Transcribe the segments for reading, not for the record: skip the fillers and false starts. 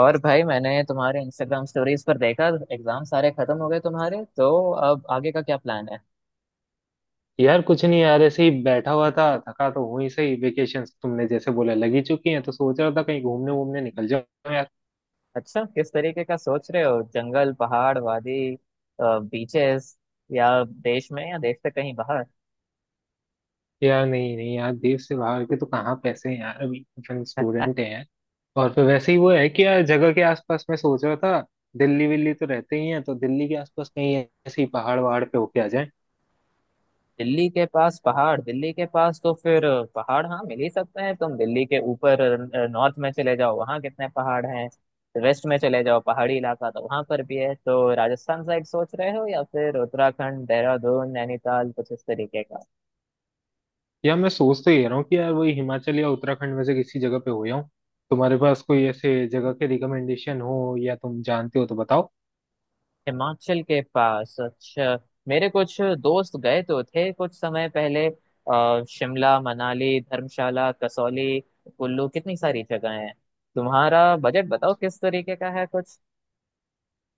और भाई मैंने तुम्हारे इंस्टाग्राम स्टोरीज पर देखा। एग्जाम सारे खत्म हो गए तुम्हारे, तो अब आगे का क्या प्लान है? यार कुछ नहीं यार, ऐसे ही बैठा हुआ था। थका तो हूँ ही, सही वेकेशंस तुमने जैसे बोला लगी चुकी हैं, तो सोच रहा था कहीं घूमने वूमने निकल जाओ यार। अच्छा, किस तरीके का सोच रहे हो? जंगल, पहाड़, वादी, बीचेस? या देश में या देश से कहीं बाहर? यार नहीं नहीं यार, देश से बाहर के तो कहाँ पैसे हैं यार, अभी अपन स्टूडेंट हैं यार। और फिर वैसे ही वो है कि यार जगह के आसपास मैं सोच रहा था। दिल्ली विल्ली तो रहते ही हैं, तो दिल्ली के आसपास कहीं ऐसे ही पहाड़ वहाड़ पे होके आ जाए। दिल्ली के पास पहाड़? दिल्ली के पास तो फिर पहाड़ हाँ मिल ही सकते हैं। तुम दिल्ली के ऊपर नॉर्थ में चले जाओ, वहाँ कितने पहाड़ हैं। वेस्ट में चले जाओ, पहाड़ी इलाका तो वहां पर भी है। तो राजस्थान साइड सोच रहे हो या फिर उत्तराखंड, देहरादून, नैनीताल, कुछ इस तरीके का? यार मैं सोच तो ये रहा हूँ कि यार वही हिमाचल या उत्तराखंड में से किसी जगह पे हो जाऊँ। तुम्हारे पास कोई ऐसे जगह के रिकमेंडेशन हो या तुम जानते हो तो बताओ। हिमाचल के पास, अच्छा। मेरे कुछ दोस्त गए तो थे कुछ समय पहले शिमला, मनाली, धर्मशाला, कसौली, कुल्लू, कितनी सारी जगह हैं। तुम्हारा बजट बताओ किस तरीके का है कुछ?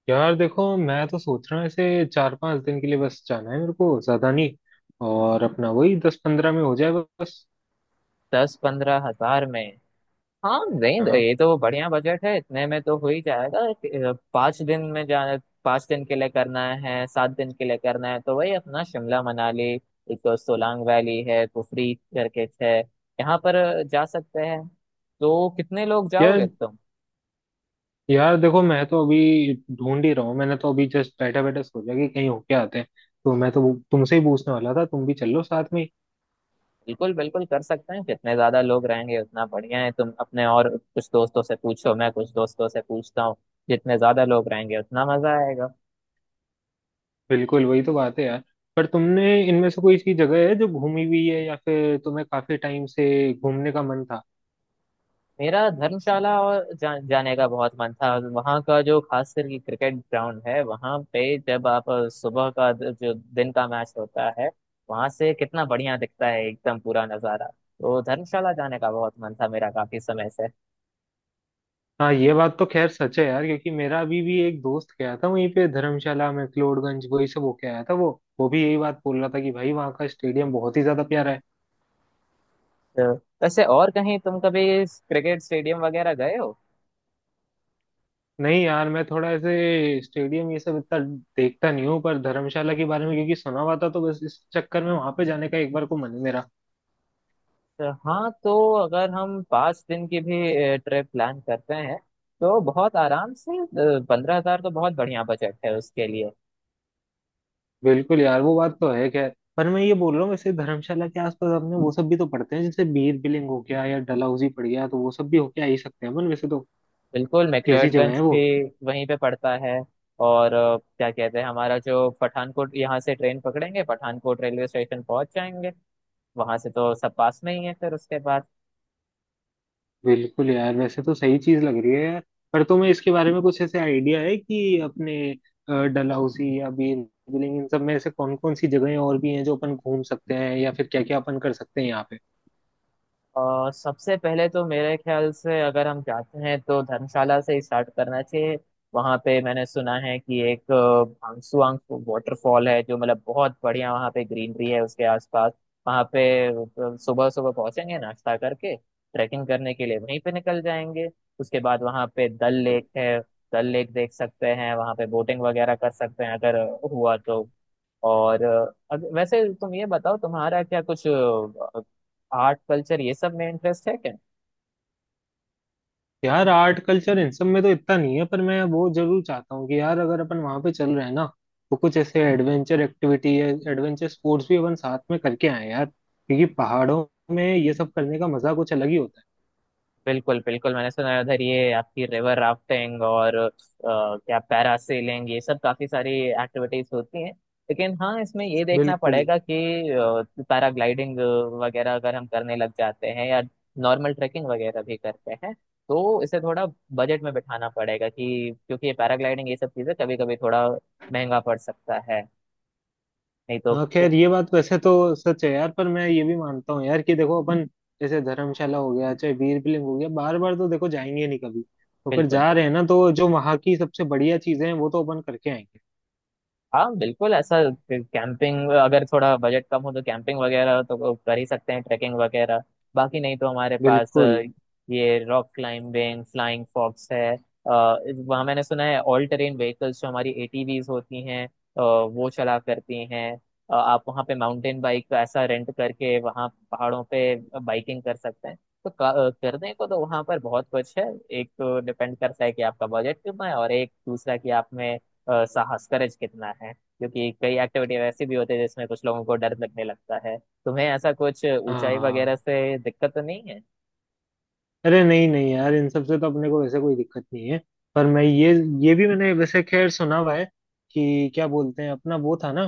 यार देखो, मैं तो सोच रहा हूँ ऐसे चार पांच दिन के लिए बस जाना है, मेरे को ज्यादा नहीं। और अपना वही दस पंद्रह में हो जाए बस। 10-15 हजार में? हाँ नहीं, हाँ। ये तो बढ़िया बजट है, इतने में तो हो ही जाएगा। 5 दिन में जा, 5 दिन के लिए करना है, 7 दिन के लिए करना है, तो वही अपना शिमला मनाली। एक तो सोलांग वैली है, कुफरी करके है यहाँ पर, जा सकते हैं। तो कितने लोग जाओगे यार, तुम? यार देखो मैं तो अभी ढूंढ ही रहा हूँ, मैंने तो अभी जस्ट बैठा बैठा सोचा कि कहीं होके आते हैं। तो मैं तो तुमसे ही पूछने वाला था, तुम भी चलो साथ में ही। बिल्कुल बिल्कुल, कर सकते हैं। जितने ज्यादा लोग रहेंगे उतना बढ़िया है। तुम अपने और कुछ दोस्तों से पूछो, मैं कुछ दोस्तों से पूछता हूँ। जितने ज्यादा लोग रहेंगे उतना मजा आएगा। बिल्कुल वही तो बात है यार। पर तुमने इनमें से कोई सी जगह है जो घूमी हुई है, या फिर तुम्हें काफी टाइम से घूमने का मन था? मेरा धर्मशाला और जाने का बहुत मन था। वहाँ का जो खास करके क्रिकेट ग्राउंड है वहाँ पे, जब आप सुबह का जो दिन का मैच होता है, वहाँ से कितना बढ़िया दिखता है एकदम पूरा नज़ारा। तो धर्मशाला जाने का बहुत मन था मेरा काफी समय से। हाँ, ये बात तो खैर सच है यार, क्योंकि मेरा अभी भी एक दोस्त गया था वहीं पे, धर्मशाला में क्लोडगंज वही सब होके आया था वो। वो भी यही बात बोल रहा था कि भाई वहाँ का स्टेडियम बहुत ही ज्यादा प्यारा है। तो वैसे और कहीं तुम कभी क्रिकेट स्टेडियम वगैरह गए हो? नहीं यार, मैं थोड़ा ऐसे स्टेडियम ये सब इतना देखता नहीं हूँ, पर धर्मशाला के बारे में क्योंकि सुना हुआ था तो बस इस चक्कर में वहां पे जाने का एक बार को मन है मेरा। तो हाँ, तो अगर हम 5 दिन की भी ट्रिप प्लान करते हैं, तो बहुत आराम से 15 हजार तो बहुत बढ़िया बजट है उसके लिए। बिल्कुल यार, वो बात तो है खैर, पर मैं ये बोल रहा हूँ वैसे धर्मशाला के आसपास अपने वो सब भी तो पड़ते हैं, जैसे बीर बिलिंग हो गया या डलहौजी पड़ गया, तो वो सब भी होके आ ही सकते हैं अपन वैसे तो। बिल्कुल, कैसी जगह मैक्लोडगंज है वो? भी वहीं पे पड़ता है। और क्या कहते हैं, हमारा जो पठानकोट, यहाँ से ट्रेन पकड़ेंगे, पठानकोट रेलवे स्टेशन पहुंच जाएंगे, वहां से तो सब पास में ही है फिर उसके बाद। बिल्कुल यार, वैसे तो सही चीज लग रही है यार। पर तुम्हें इसके बारे में कुछ ऐसे आइडिया है कि अपने डलहौसी या बीरबिलिंग इन सब में ऐसे कौन कौन सी जगहें और भी हैं जो अपन घूम सकते हैं, या फिर क्या क्या अपन कर सकते हैं यहाँ पे? सबसे पहले तो मेरे ख्याल से अगर हम जाते हैं तो धर्मशाला से ही स्टार्ट करना चाहिए। वहां पे मैंने सुना है कि एक भांगसुआंग वाटरफॉल है, जो मतलब बहुत बढ़िया, वहां पे ग्रीनरी है उसके आसपास। वहां पे सुबह सुबह पहुंचेंगे, नाश्ता करके ट्रैकिंग करने के लिए वहीं पे निकल जाएंगे। उसके बाद वहां पे डल लेक है, डल लेक देख सकते हैं, वहां पे बोटिंग वगैरह कर सकते हैं अगर हुआ तो। और वैसे तुम ये बताओ, तुम्हारा क्या कुछ आर्ट कल्चर ये सब में इंटरेस्ट है क्या? यार आर्ट कल्चर इन सब में तो इतना नहीं है, पर मैं वो जरूर चाहता हूँ कि यार अगर अपन वहाँ पे चल रहे हैं ना, तो कुछ ऐसे एडवेंचर एक्टिविटी या एडवेंचर स्पोर्ट्स भी अपन साथ में करके आए यार, क्योंकि पहाड़ों में ये सब करने का मजा कुछ अलग ही होता है। बिल्कुल बिल्कुल, मैंने सुना है उधर ये आपकी रिवर राफ्टिंग और क्या पैरासेलिंग, ये सब काफी सारी एक्टिविटीज होती हैं। लेकिन हाँ, इसमें ये देखना बिल्कुल। पड़ेगा कि पैराग्लाइडिंग वगैरह अगर हम करने लग जाते हैं या नॉर्मल ट्रैकिंग वगैरह भी करते हैं, तो इसे थोड़ा बजट में बिठाना पड़ेगा, कि क्योंकि ये पैराग्लाइडिंग ये सब चीजें कभी कभी थोड़ा महंगा पड़ सकता है। नहीं तो हाँ बिल्कुल खैर, ये बात वैसे तो सच है यार, पर मैं ये भी मानता हूँ यार कि देखो अपन जैसे धर्मशाला हो गया चाहे वीर बिलिंग हो गया, बार बार तो देखो जाएंगे नहीं कभी, तो अगर जा बिल्कुल। रहे हैं ना तो जो वहाँ की सबसे बढ़िया चीजें हैं वो तो अपन करके आएंगे। हाँ बिल्कुल ऐसा। कैंपिंग, अगर थोड़ा बजट कम हो तो कैंपिंग वगैरह तो कर ही सकते हैं, ट्रैकिंग वगैरह। बाकी नहीं तो हमारे पास बिल्कुल। ये रॉक क्लाइंबिंग, फ्लाइंग फॉक्स है। वहाँ मैंने सुना है ऑल टेरेन व्हीकल्स, जो हमारी एटीवीज होती हैं, वो चला करती हैं। आप वहाँ पे माउंटेन बाइक ऐसा रेंट करके वहाँ पहाड़ों पे बाइकिंग कर सकते हैं। तो करने को तो वहाँ पर बहुत कुछ है। एक तो डिपेंड करता है कि आपका बजट कितना है, और एक दूसरा कि आप में साहस, करेज कितना है, क्योंकि कई एक्टिविटी वैसी भी होती है जिसमें कुछ लोगों को डर लगने लगता है। तुम्हें ऐसा कुछ ऊंचाई वगैरह हाँ, से दिक्कत तो नहीं है? अरे नहीं नहीं यार, इन सब से तो अपने को वैसे कोई दिक्कत नहीं है। पर मैं ये भी मैंने वैसे खैर सुना हुआ है कि क्या बोलते हैं अपना वो था ना,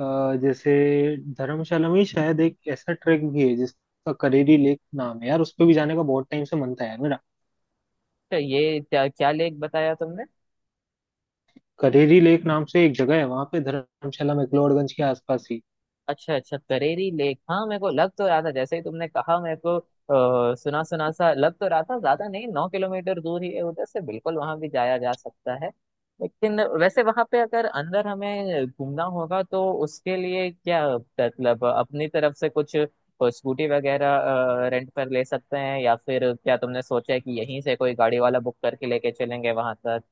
जैसे धर्मशाला में ही शायद एक ऐसा ट्रैक भी है जिसका करेरी लेक नाम है यार, उस पे भी जाने का बहुत टाइम से मन था यार मेरा। तो ये क्या क्या लेख बताया तुमने? करेरी लेक नाम से एक जगह है वहां पे, धर्मशाला मैक्लोडगंज के आसपास ही। अच्छा अच्छा, करेरी लेक, हाँ मेरे को लग तो रहा था जैसे ही तुमने कहा, मेरे को सुना सुना सा लग तो रहा था। ज्यादा नहीं, 9 किलोमीटर दूर ही है उधर से, बिल्कुल वहां भी जाया जा सकता है। लेकिन वैसे वहां पे अगर अंदर हमें घूमना होगा तो उसके लिए क्या, मतलब अपनी तरफ से कुछ स्कूटी वगैरह रेंट पर ले सकते हैं, या फिर क्या तुमने सोचा है कि यहीं से कोई गाड़ी वाला बुक करके लेके चलेंगे वहां तक?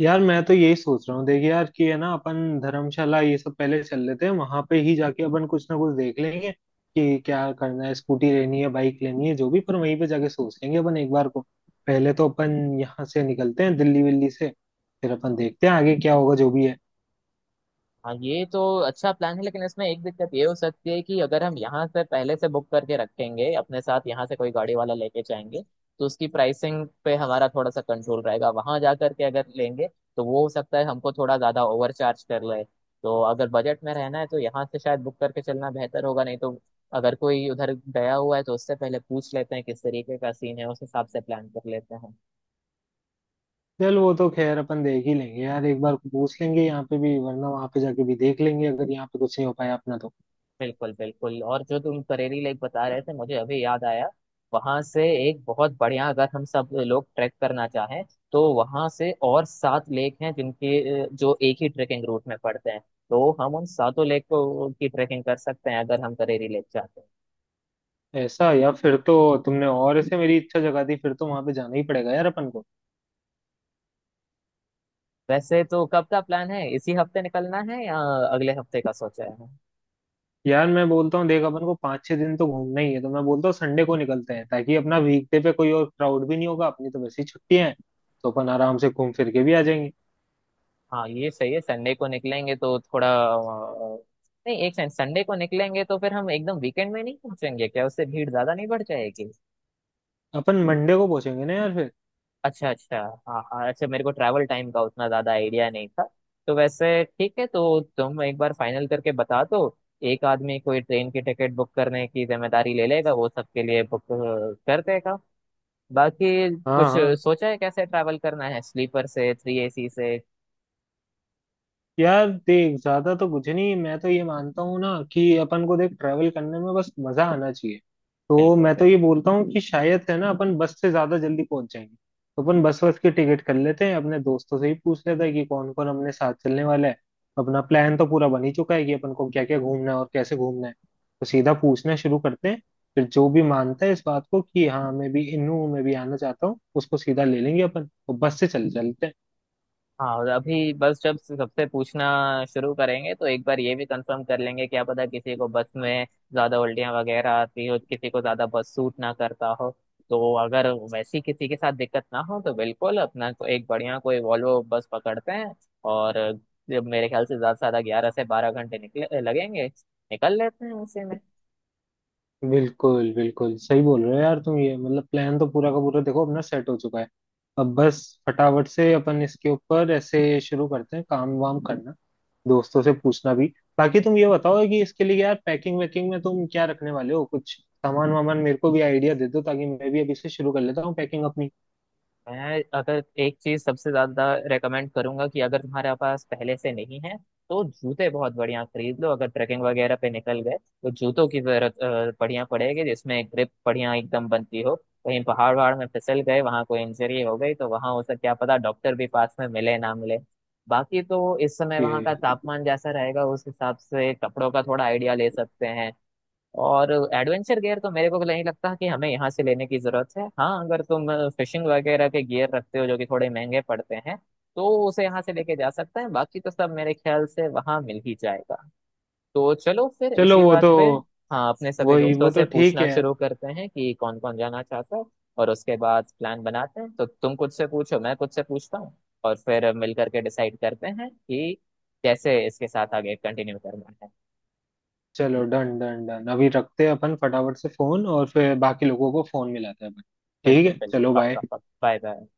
यार मैं तो यही सोच रहा हूँ देख यार, कि है ना अपन धर्मशाला ये सब पहले चल लेते हैं, वहां पे ही जाके अपन कुछ ना कुछ देख लेंगे कि क्या करना है, स्कूटी लेनी है बाइक लेनी है जो भी, पर वहीं पे जाके सोच लेंगे अपन एक बार को। पहले तो अपन यहाँ से निकलते हैं दिल्ली विल्ली से, फिर अपन देखते हैं आगे क्या होगा जो भी है। हाँ ये तो अच्छा प्लान है, लेकिन इसमें एक दिक्कत ये हो सकती है कि अगर हम यहाँ से पहले से बुक करके रखेंगे, अपने साथ यहाँ से कोई गाड़ी वाला लेके जाएंगे, तो उसकी प्राइसिंग पे हमारा थोड़ा सा कंट्रोल रहेगा। वहां जा करके अगर लेंगे तो वो हो सकता है हमको थोड़ा ज्यादा ओवर चार्ज कर ले। तो अगर बजट में रहना है तो यहाँ से शायद बुक करके चलना बेहतर होगा, नहीं तो अगर कोई उधर गया हुआ है तो उससे पहले पूछ लेते हैं किस तरीके का सीन है, उस हिसाब से प्लान कर लेते हैं। चल वो तो खैर अपन देख ही लेंगे यार, एक बार पूछ लेंगे यहाँ पे भी, वरना वहां पे जाके भी देख लेंगे अगर यहाँ पे कुछ नहीं हो पाया अपना तो। बिल्कुल बिल्कुल, और जो तुम करेरी लेक बता रहे थे, मुझे अभी याद आया, वहां से एक बहुत बढ़िया, अगर हम सब लोग ट्रैक करना चाहें, तो वहां से और सात लेक हैं जिनके जो एक ही ट्रेकिंग रूट में पड़ते हैं। तो हम उन सातों लेक को की ट्रेकिंग कर सकते हैं अगर हम करेरी लेक चाहते हैं। ऐसा? या फिर तो, तुमने और ऐसे मेरी इच्छा जगा दी, फिर तो वहां पे जाना ही पड़ेगा यार अपन को। वैसे तो कब का प्लान है? इसी हफ्ते निकलना है या अगले हफ्ते का सोचा है? यार मैं बोलता हूँ देख, अपन को पाँच छह दिन तो घूमना ही है, तो मैं बोलता हूँ संडे को निकलते हैं, ताकि अपना वीकडे पे कोई और क्राउड भी नहीं होगा, अपनी तो वैसे ही छुट्टियां हैं। तो अपन आराम से घूम फिर के भी आ जाएंगे। हाँ ये सही है, संडे को निकलेंगे तो थोड़ा अ, नहीं एक सेकंड, संडे को निकलेंगे तो फिर हम एकदम वीकेंड में नहीं पहुंचेंगे क्या? उससे भीड़ ज्यादा नहीं बढ़ जाएगी? अपन मंडे को पहुंचेंगे ना यार फिर। अच्छा अच्छा, हाँ हाँ अच्छा, मेरे को ट्रैवल टाइम का उतना ज्यादा आइडिया नहीं था। तो वैसे ठीक है, तो तुम एक बार फाइनल करके बता दो, एक आदमी कोई ट्रेन की टिकट बुक करने की जिम्मेदारी ले लेगा, वो सबके लिए बुक कर देगा। बाकी हाँ कुछ हाँ। सोचा है कैसे ट्रैवल करना है? स्लीपर से, थ्री एसी से? यार देख, ज्यादा तो कुछ नहीं, मैं तो ये मानता हूँ ना कि अपन को देख ट्रैवल करने में बस मजा आना चाहिए। तो बिल्कुल मैं तो बिल्कुल। ये बोलता हूँ कि शायद है ना अपन बस से ज्यादा जल्दी पहुंच जाएंगे। तो अपन बस बस की टिकट कर लेते हैं, अपने दोस्तों से ही पूछ लेते हैं कि कौन कौन हमने साथ चलने वाला है। अपना प्लान तो पूरा बन ही चुका है कि अपन को क्या क्या घूमना है और कैसे घूमना है। तो सीधा पूछना शुरू करते हैं। फिर जो भी मानता है इस बात को कि हाँ मैं भी इन हूँ, मैं भी आना चाहता हूँ, उसको सीधा ले लेंगे अपन और बस से चल चलते हैं। हाँ, और अभी बस जब सबसे पूछना शुरू करेंगे तो एक बार ये भी कंफर्म कर लेंगे, क्या पता किसी को बस में ज्यादा उल्टियां वगैरह आती हो, किसी को ज्यादा बस सूट ना करता हो। तो अगर वैसी किसी के साथ दिक्कत ना हो तो बिल्कुल अपना को एक बढ़िया कोई वॉल्वो बस पकड़ते हैं। और जब मेरे ख्याल से ज्यादा 11 से 12 घंटे निकले लगेंगे, निकल लेते हैं उसी में। बिल्कुल बिल्कुल, सही बोल रहे हो यार तुम। ये मतलब प्लान तो पूरा का पूरा देखो अपना सेट हो चुका है। अब बस फटाफट से अपन इसके ऊपर ऐसे शुरू करते हैं काम वाम करना, दोस्तों से पूछना भी। बाकी तुम ये बताओ कि इसके लिए यार पैकिंग वैकिंग में तुम क्या रखने वाले हो? कुछ सामान वामान मेरे को भी आइडिया दे दो, ताकि मैं भी अभी से शुरू कर लेता हूँ पैकिंग अपनी। मैं अगर एक चीज सबसे ज्यादा रेकमेंड करूंगा, कि अगर तुम्हारे पास पहले से नहीं है तो जूते बहुत बढ़िया खरीद लो। अगर ट्रैकिंग वगैरह पे निकल गए तो जूतों की जरूरत बढ़िया पड़ेगी, जिसमें ग्रिप बढ़िया एकदम बनती हो। कहीं पहाड़ वहाड़ में फिसल गए, वहां कोई इंजरी हो गई, तो वहां हो सकता क्या पता डॉक्टर भी पास में मिले ना मिले। बाकी तो इस समय वहां का ये, तापमान जैसा रहेगा उस हिसाब से कपड़ों का थोड़ा आइडिया ले सकते हैं। और एडवेंचर गियर तो मेरे को तो नहीं लगता कि हमें यहाँ से लेने की जरूरत है। हाँ अगर तुम फिशिंग वगैरह के गियर रखते हो जो कि थोड़े महंगे पड़ते हैं, तो उसे यहाँ से लेके जा सकते हैं। बाकी तो सब मेरे ख्याल से वहाँ मिल ही जाएगा। तो चलो फिर चलो इसी वो बात तो। पे। हाँ, अपने सभी वही दोस्तों वो तो से ठीक पूछना है यार। शुरू करते हैं कि कौन कौन जाना चाहता है, और उसके बाद प्लान बनाते हैं। तो तुम कुछ से पूछो, मैं कुछ से पूछता हूँ। और फिर मिलकर के डिसाइड करते हैं कि कैसे इसके साथ आगे कंटिन्यू करना है। चलो डन डन डन, अभी रखते हैं अपन फटाफट से फोन और फिर बाकी लोगों को फोन मिलाते हैं अपन। ठीक बिल्कुल है बिल्कुल, चलो, पक्का बाय। पक्का, बाय बाय।